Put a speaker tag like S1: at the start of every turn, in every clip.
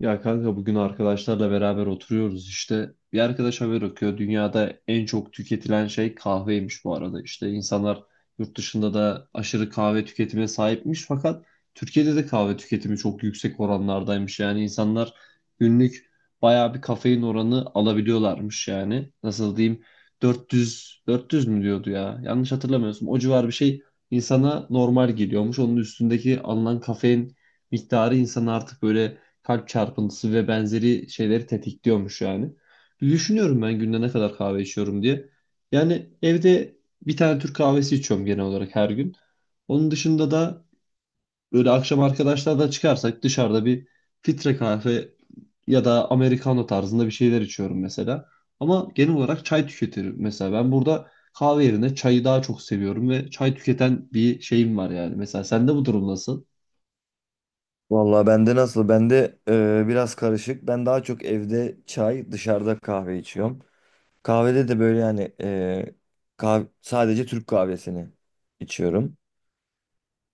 S1: Ya kanka bugün arkadaşlarla beraber oturuyoruz işte. Bir arkadaş haber okuyor. Dünyada en çok tüketilen şey kahveymiş bu arada. İşte insanlar yurt dışında da aşırı kahve tüketimine sahipmiş fakat Türkiye'de de kahve tüketimi çok yüksek oranlardaymış. Yani insanlar günlük bayağı bir kafein oranı alabiliyorlarmış yani. Nasıl diyeyim? 400 mü diyordu ya? Yanlış hatırlamıyorsun. O civar bir şey insana normal geliyormuş. Onun üstündeki alınan kafein miktarı insan artık böyle kalp çarpıntısı ve benzeri şeyleri tetikliyormuş yani. Bir düşünüyorum ben günde ne kadar kahve içiyorum diye. Yani evde bir tane Türk kahvesi içiyorum genel olarak her gün. Onun dışında da böyle akşam arkadaşlarla çıkarsak dışarıda bir filtre kahve ya da americano tarzında bir şeyler içiyorum mesela. Ama genel olarak çay tüketirim mesela. Ben burada kahve yerine çayı daha çok seviyorum ve çay tüketen bir şeyim var yani. Mesela sende bu durum nasıl?
S2: Vallahi bende nasıl? Bende biraz karışık. Ben daha çok evde çay, dışarıda kahve içiyorum. Kahvede de böyle yani sadece Türk kahvesini içiyorum.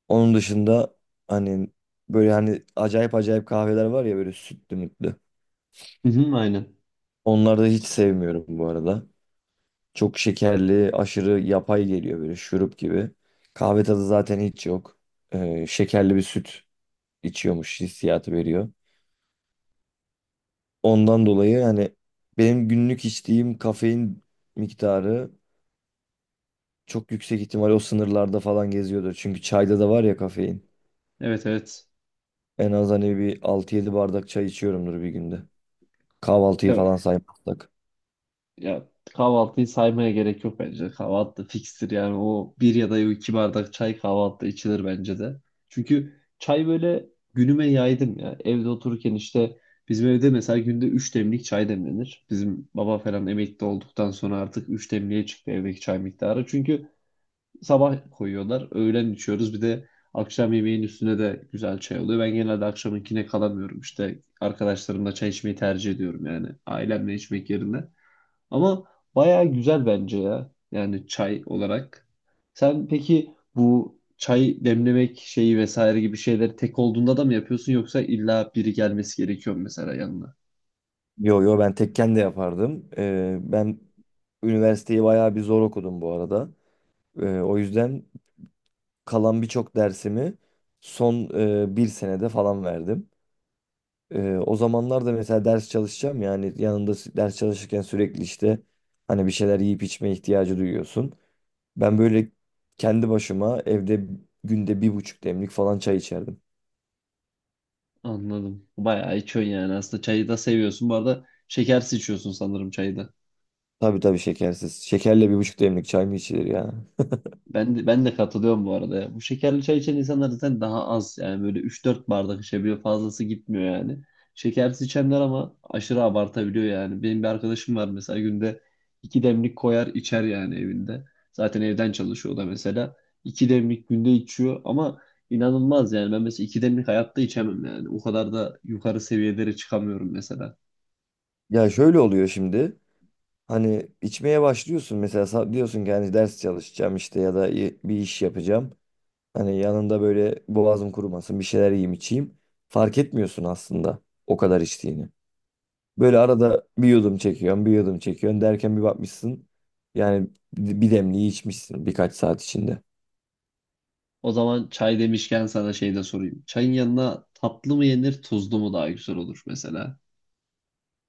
S2: Onun dışında hani böyle hani acayip acayip kahveler var ya böyle sütlü mütlü.
S1: Hı hı, aynen.
S2: Onları da hiç sevmiyorum bu arada. Çok şekerli, aşırı yapay geliyor böyle şurup gibi. Kahve tadı zaten hiç yok. Şekerli bir süt içiyormuş hissiyatı veriyor. Ondan dolayı yani benim günlük içtiğim kafein miktarı çok yüksek ihtimal o sınırlarda falan geziyordur. Çünkü çayda da var ya kafein.
S1: Evet evet.
S2: En az hani bir altı yedi bardak çay içiyorumdur bir günde. Kahvaltıyı
S1: Ya,
S2: falan saymazsak.
S1: ya kahvaltıyı saymaya gerek yok bence. Kahvaltı da fikstir yani o bir ya da iki bardak çay kahvaltıda içilir bence de. Çünkü çay böyle günüme yaydım ya. Evde otururken işte bizim evde mesela günde üç demlik çay demlenir. Bizim baba falan emekli olduktan sonra artık üç demliğe çıktı evdeki çay miktarı. Çünkü sabah koyuyorlar, öğlen içiyoruz bir de akşam yemeğin üstüne de güzel çay oluyor. Ben genelde akşamınkine kalamıyorum işte arkadaşlarımla çay içmeyi tercih ediyorum yani ailemle içmek yerine. Ama bayağı güzel bence ya. Yani çay olarak. Sen peki bu çay demlemek şeyi vesaire gibi şeyleri tek olduğunda da mı yapıyorsun yoksa illa biri gelmesi gerekiyor mu mesela yanına?
S2: Yo, yo, ben tekken de yapardım. Ben üniversiteyi bayağı bir zor okudum bu arada. O yüzden kalan birçok dersimi son bir senede falan verdim. O zamanlar da mesela ders çalışacağım yani yanında ders çalışırken sürekli işte hani bir şeyler yiyip içme ihtiyacı duyuyorsun. Ben böyle kendi başıma evde günde 1,5 demlik falan çay içerdim.
S1: Anladım. Bayağı içiyorsun yani aslında çayı da seviyorsun. Bu arada şekersiz içiyorsun sanırım çayı da.
S2: Tabii, tabii, şekersiz. Şekerle bir buçuk demlik çay mı içilir ya?
S1: Ben de katılıyorum bu arada ya. Bu şekerli çay içen insanlar zaten daha az yani böyle üç dört bardak içebiliyor fazlası gitmiyor yani. Şekersiz içenler ama aşırı abartabiliyor yani. Benim bir arkadaşım var mesela günde 2 demlik koyar içer yani evinde. Zaten evden çalışıyor o da mesela. İki demlik günde içiyor ama inanılmaz yani. Ben mesela 2 demlik hayatta içemem yani. O kadar da yukarı seviyelere çıkamıyorum mesela.
S2: Ya şöyle oluyor şimdi. Hani içmeye başlıyorsun mesela diyorsun ki hani ders çalışacağım işte ya da bir iş yapacağım. Hani yanında böyle boğazım kurumasın bir şeyler yiyeyim içeyim. Fark etmiyorsun aslında o kadar içtiğini. Böyle arada bir yudum çekiyorsun, bir yudum çekiyorsun derken bir bakmışsın. Yani bir demliği içmişsin birkaç saat içinde.
S1: O zaman çay demişken sana şey de sorayım. Çayın yanına tatlı mı yenir tuzlu mu daha güzel olur mesela?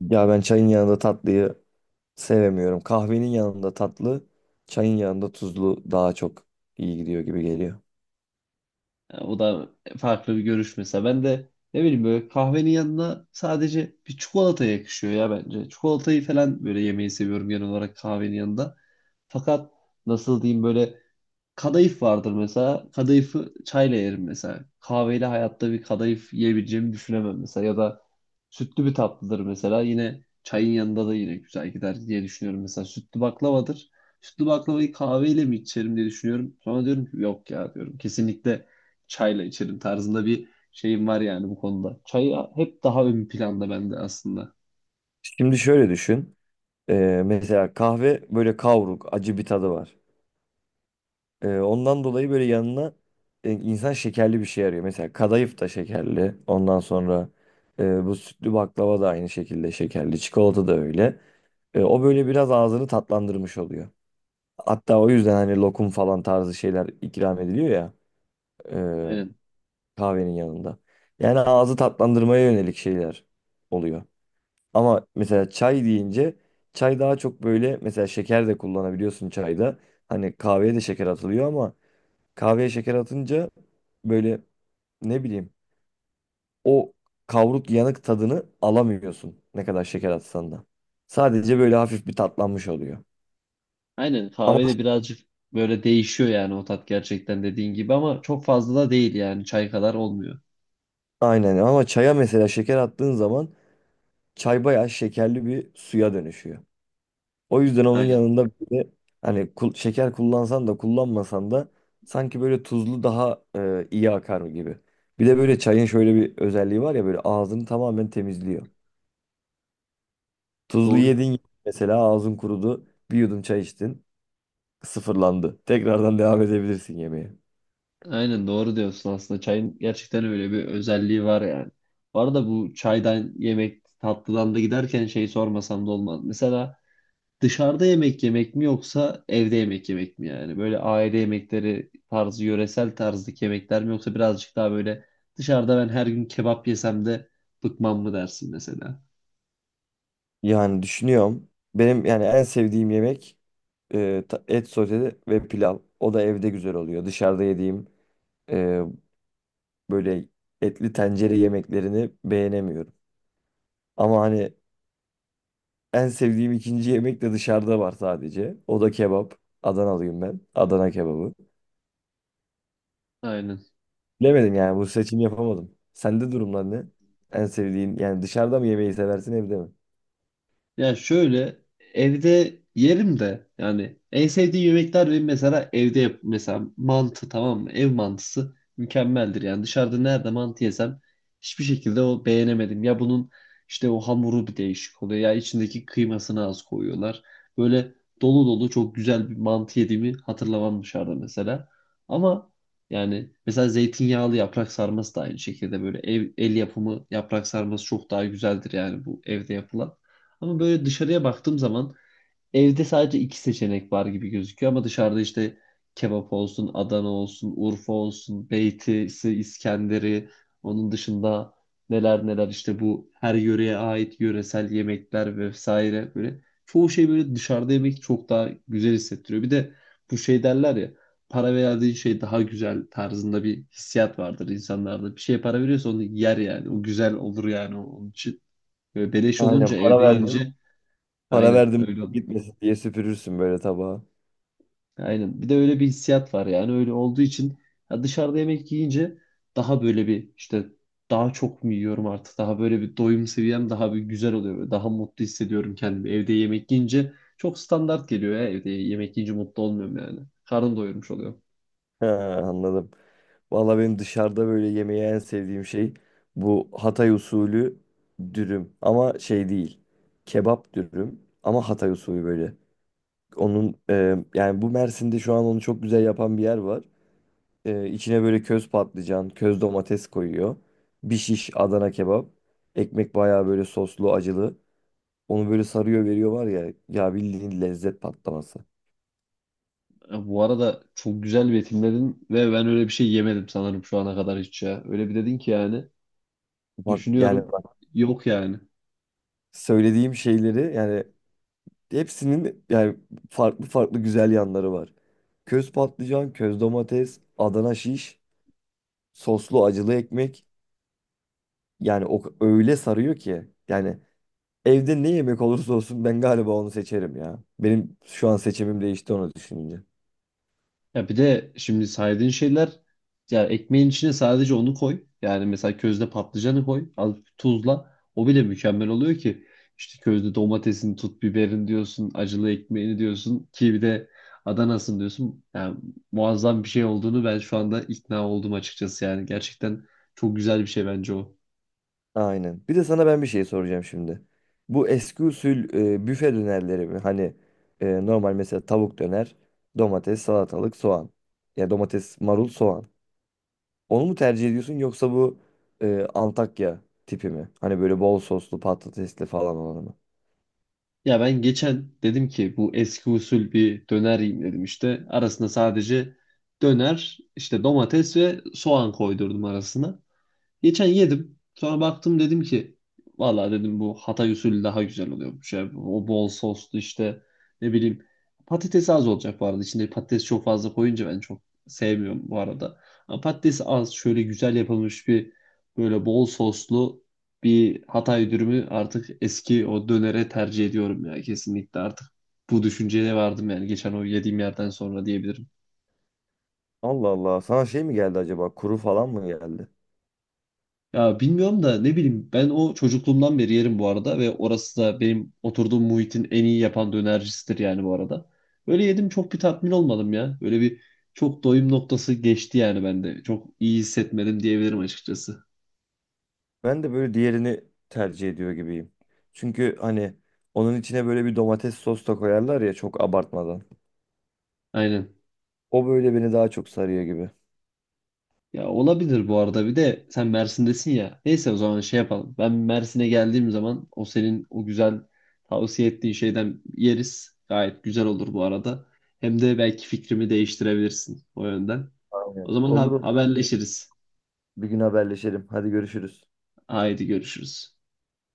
S2: Ya ben çayın yanında tatlıyı sevemiyorum. Kahvenin yanında tatlı, çayın yanında tuzlu daha çok iyi gidiyor gibi geliyor.
S1: Yani o da farklı bir görüş mesela. Ben de ne bileyim böyle kahvenin yanına sadece bir çikolata yakışıyor ya bence. Çikolatayı falan böyle yemeyi seviyorum genel olarak kahvenin yanında. Fakat nasıl diyeyim böyle kadayıf vardır mesela. Kadayıfı çayla yerim mesela. Kahveyle hayatta bir kadayıf yiyebileceğimi düşünemem mesela. Ya da sütlü bir tatlıdır mesela. Yine çayın yanında da yine güzel gider diye düşünüyorum. Mesela sütlü baklavadır. Sütlü baklavayı kahveyle mi içerim diye düşünüyorum. Sonra diyorum ki yok ya diyorum. Kesinlikle çayla içerim tarzında bir şeyim var yani bu konuda. Çay hep daha ön planda bende aslında.
S2: Şimdi şöyle düşün. Mesela kahve böyle kavruk, acı bir tadı var. Ondan dolayı böyle yanına insan şekerli bir şey arıyor. Mesela kadayıf da şekerli. Ondan sonra bu sütlü baklava da aynı şekilde şekerli. Çikolata da öyle. O böyle biraz ağzını tatlandırmış oluyor. Hatta o yüzden hani lokum falan tarzı şeyler ikram ediliyor ya e,
S1: Aynen.
S2: kahvenin yanında. Yani ağzı tatlandırmaya yönelik şeyler oluyor. Ama mesela çay deyince çay daha çok böyle mesela şeker de kullanabiliyorsun çayda. Hani kahveye de şeker atılıyor ama kahveye şeker atınca böyle ne bileyim o kavruk yanık tadını alamıyorsun ne kadar şeker atsan da. Sadece böyle hafif bir tatlanmış oluyor.
S1: Aynen kahve de birazcık böyle değişiyor yani o tat gerçekten dediğin gibi ama çok fazla da değil yani çay kadar olmuyor.
S2: Aynen ama çaya mesela şeker attığın zaman çay bayağı şekerli bir suya dönüşüyor. O yüzden onun
S1: Aynen
S2: yanında bir de hani şeker kullansan da kullanmasan da sanki böyle tuzlu daha iyi akar gibi. Bir de böyle çayın şöyle bir özelliği var ya böyle ağzını tamamen temizliyor. Tuzlu
S1: doğru.
S2: yedin mesela ağzın kurudu bir yudum çay içtin. Sıfırlandı. Tekrardan devam edebilirsin yemeğe.
S1: Aynen doğru diyorsun aslında çayın gerçekten öyle bir özelliği var yani. Bu arada bu çaydan yemek tatlıdan da giderken şey sormasam da olmaz. Mesela dışarıda yemek yemek mi yoksa evde yemek yemek mi yani? Böyle aile yemekleri tarzı, yöresel tarzdaki yemekler mi yoksa birazcık daha böyle dışarıda ben her gün kebap yesem de bıkmam mı dersin mesela?
S2: Yani düşünüyorum. Benim yani en sevdiğim yemek et sote ve pilav. O da evde güzel oluyor. Dışarıda yediğim e, böyle etli tencere yemeklerini beğenemiyorum. Ama hani en sevdiğim ikinci yemek de dışarıda var sadece. O da kebap. Adanalıyım ben. Adana kebabı.
S1: Aynen.
S2: Bilemedim yani bu seçim yapamadım. Sende durumlar ne? En sevdiğin yani dışarıda mı yemeği seversin evde mi?
S1: Ya şöyle evde yerim de yani en sevdiğim yemekler benim mesela evde yap mesela mantı tamam mı? Ev mantısı mükemmeldir. Yani dışarıda nerede mantı yesem hiçbir şekilde o beğenemedim. Ya bunun işte o hamuru bir değişik oluyor ya içindeki kıymasını az koyuyorlar. Böyle dolu dolu çok güzel bir mantı yediğimi hatırlamam dışarıda mesela. Ama yani mesela zeytinyağlı yaprak sarması da aynı şekilde böyle ev, el yapımı yaprak sarması çok daha güzeldir yani bu evde yapılan. Ama böyle dışarıya baktığım zaman evde sadece iki seçenek var gibi gözüküyor ama dışarıda işte kebap olsun, Adana olsun, Urfa olsun, Beyti'si, İskender'i, onun dışında neler neler işte bu her yöreye ait yöresel yemekler vesaire böyle çoğu şey böyle dışarıda yemek çok daha güzel hissettiriyor. Bir de bu şey derler ya para verdiğin şey daha güzel tarzında bir hissiyat vardır insanlarda. Bir şeye para veriyorsa onu yer yani. O güzel olur yani onun için. Böyle beleş
S2: Aynen
S1: olunca
S2: para
S1: evde
S2: verdim.
S1: yiyince
S2: Para
S1: aynen
S2: verdim
S1: öyle oldu.
S2: gitmesin diye süpürürsün böyle tabağı.
S1: Aynen. Bir de öyle bir hissiyat var yani öyle olduğu için ya dışarıda yemek yiyince daha böyle bir işte daha çok mu yiyorum artık daha böyle bir doyum seviyem daha bir güzel oluyor. Böyle daha mutlu hissediyorum kendimi. Evde yemek yiyince çok standart geliyor ya evde yemek yiyince mutlu olmuyorum yani. Karnım doyurmuş oluyor.
S2: Ha, anladım. Valla benim dışarıda böyle yemeği en sevdiğim şey bu Hatay usulü dürüm. Ama şey değil. Kebap dürüm ama Hatay usulü böyle. Onun yani bu Mersin'de şu an onu çok güzel yapan bir yer var. E, içine böyle köz patlıcan, köz domates koyuyor. Bir şiş Adana kebap. Ekmek bayağı böyle soslu, acılı. Onu böyle sarıyor veriyor var ya. Ya bildiğin lezzet patlaması.
S1: Ya bu arada çok güzel betimledin ve ben öyle bir şey yemedim sanırım şu ana kadar hiç ya. Öyle bir dedin ki yani
S2: Bak yani
S1: düşünüyorum
S2: bak,
S1: yok yani.
S2: söylediğim şeyleri yani hepsinin yani farklı farklı güzel yanları var. Köz patlıcan, köz domates, Adana şiş, soslu acılı ekmek. Yani o öyle sarıyor ki yani evde ne yemek olursa olsun ben galiba onu seçerim ya. Benim şu an seçimim değişti onu düşününce.
S1: Ya bir de şimdi saydığın şeyler ya ekmeğin içine sadece onu koy. Yani mesela közde patlıcanı koy. Az tuzla. O bile mükemmel oluyor ki. İşte közde domatesini tut, biberin diyorsun, acılı ekmeğini diyorsun ki bir de Adana'sın diyorsun. Yani muazzam bir şey olduğunu ben şu anda ikna oldum açıkçası yani. Gerçekten çok güzel bir şey bence o.
S2: Aynen. Bir de sana ben bir şey soracağım şimdi. Bu eski usul büfe dönerleri mi? Hani normal mesela tavuk döner, domates, salatalık, soğan. Ya domates, marul, soğan. Onu mu tercih ediyorsun yoksa bu Antakya tipi mi? Hani böyle bol soslu, patatesli falan olanı mı?
S1: Ya ben geçen dedim ki bu eski usul bir döner yiyeyim dedim işte. Arasına sadece döner, işte domates ve soğan koydurdum arasına. Geçen yedim. Sonra baktım dedim ki valla dedim bu Hatay usulü daha güzel oluyormuş ya. O bol soslu işte ne bileyim patates az olacak bu arada. İçinde patates çok fazla koyunca ben çok sevmiyorum bu arada. Ama patates az şöyle güzel yapılmış bir böyle bol soslu bir Hatay dürümü artık eski o dönere tercih ediyorum ya kesinlikle artık bu düşünceye vardım yani geçen o yediğim yerden sonra diyebilirim.
S2: Allah Allah. Sana şey mi geldi acaba? Kuru falan mı geldi?
S1: Ya bilmiyorum da ne bileyim ben o çocukluğumdan beri yerim bu arada ve orası da benim oturduğum muhitin en iyi yapan dönercisidir yani bu arada. Böyle yedim çok bir tatmin olmadım ya. Böyle bir çok doyum noktası geçti yani bende. Çok iyi hissetmedim diyebilirim açıkçası.
S2: Ben de böyle diğerini tercih ediyor gibiyim. Çünkü hani onun içine böyle bir domates sos da koyarlar ya çok abartmadan.
S1: Aynen.
S2: O böyle beni daha çok sarıyor gibi.
S1: Ya olabilir bu arada bir de sen Mersin'desin ya. Neyse o zaman şey yapalım. Ben Mersin'e geldiğim zaman o senin o güzel tavsiye ettiğin şeyden yeriz. Gayet güzel olur bu arada. Hem de belki fikrimi değiştirebilirsin o yönden. O
S2: Aynen.
S1: zaman
S2: Olur, olur. Bir gün
S1: haberleşiriz.
S2: bir gün haberleşelim. Hadi görüşürüz.
S1: Haydi görüşürüz.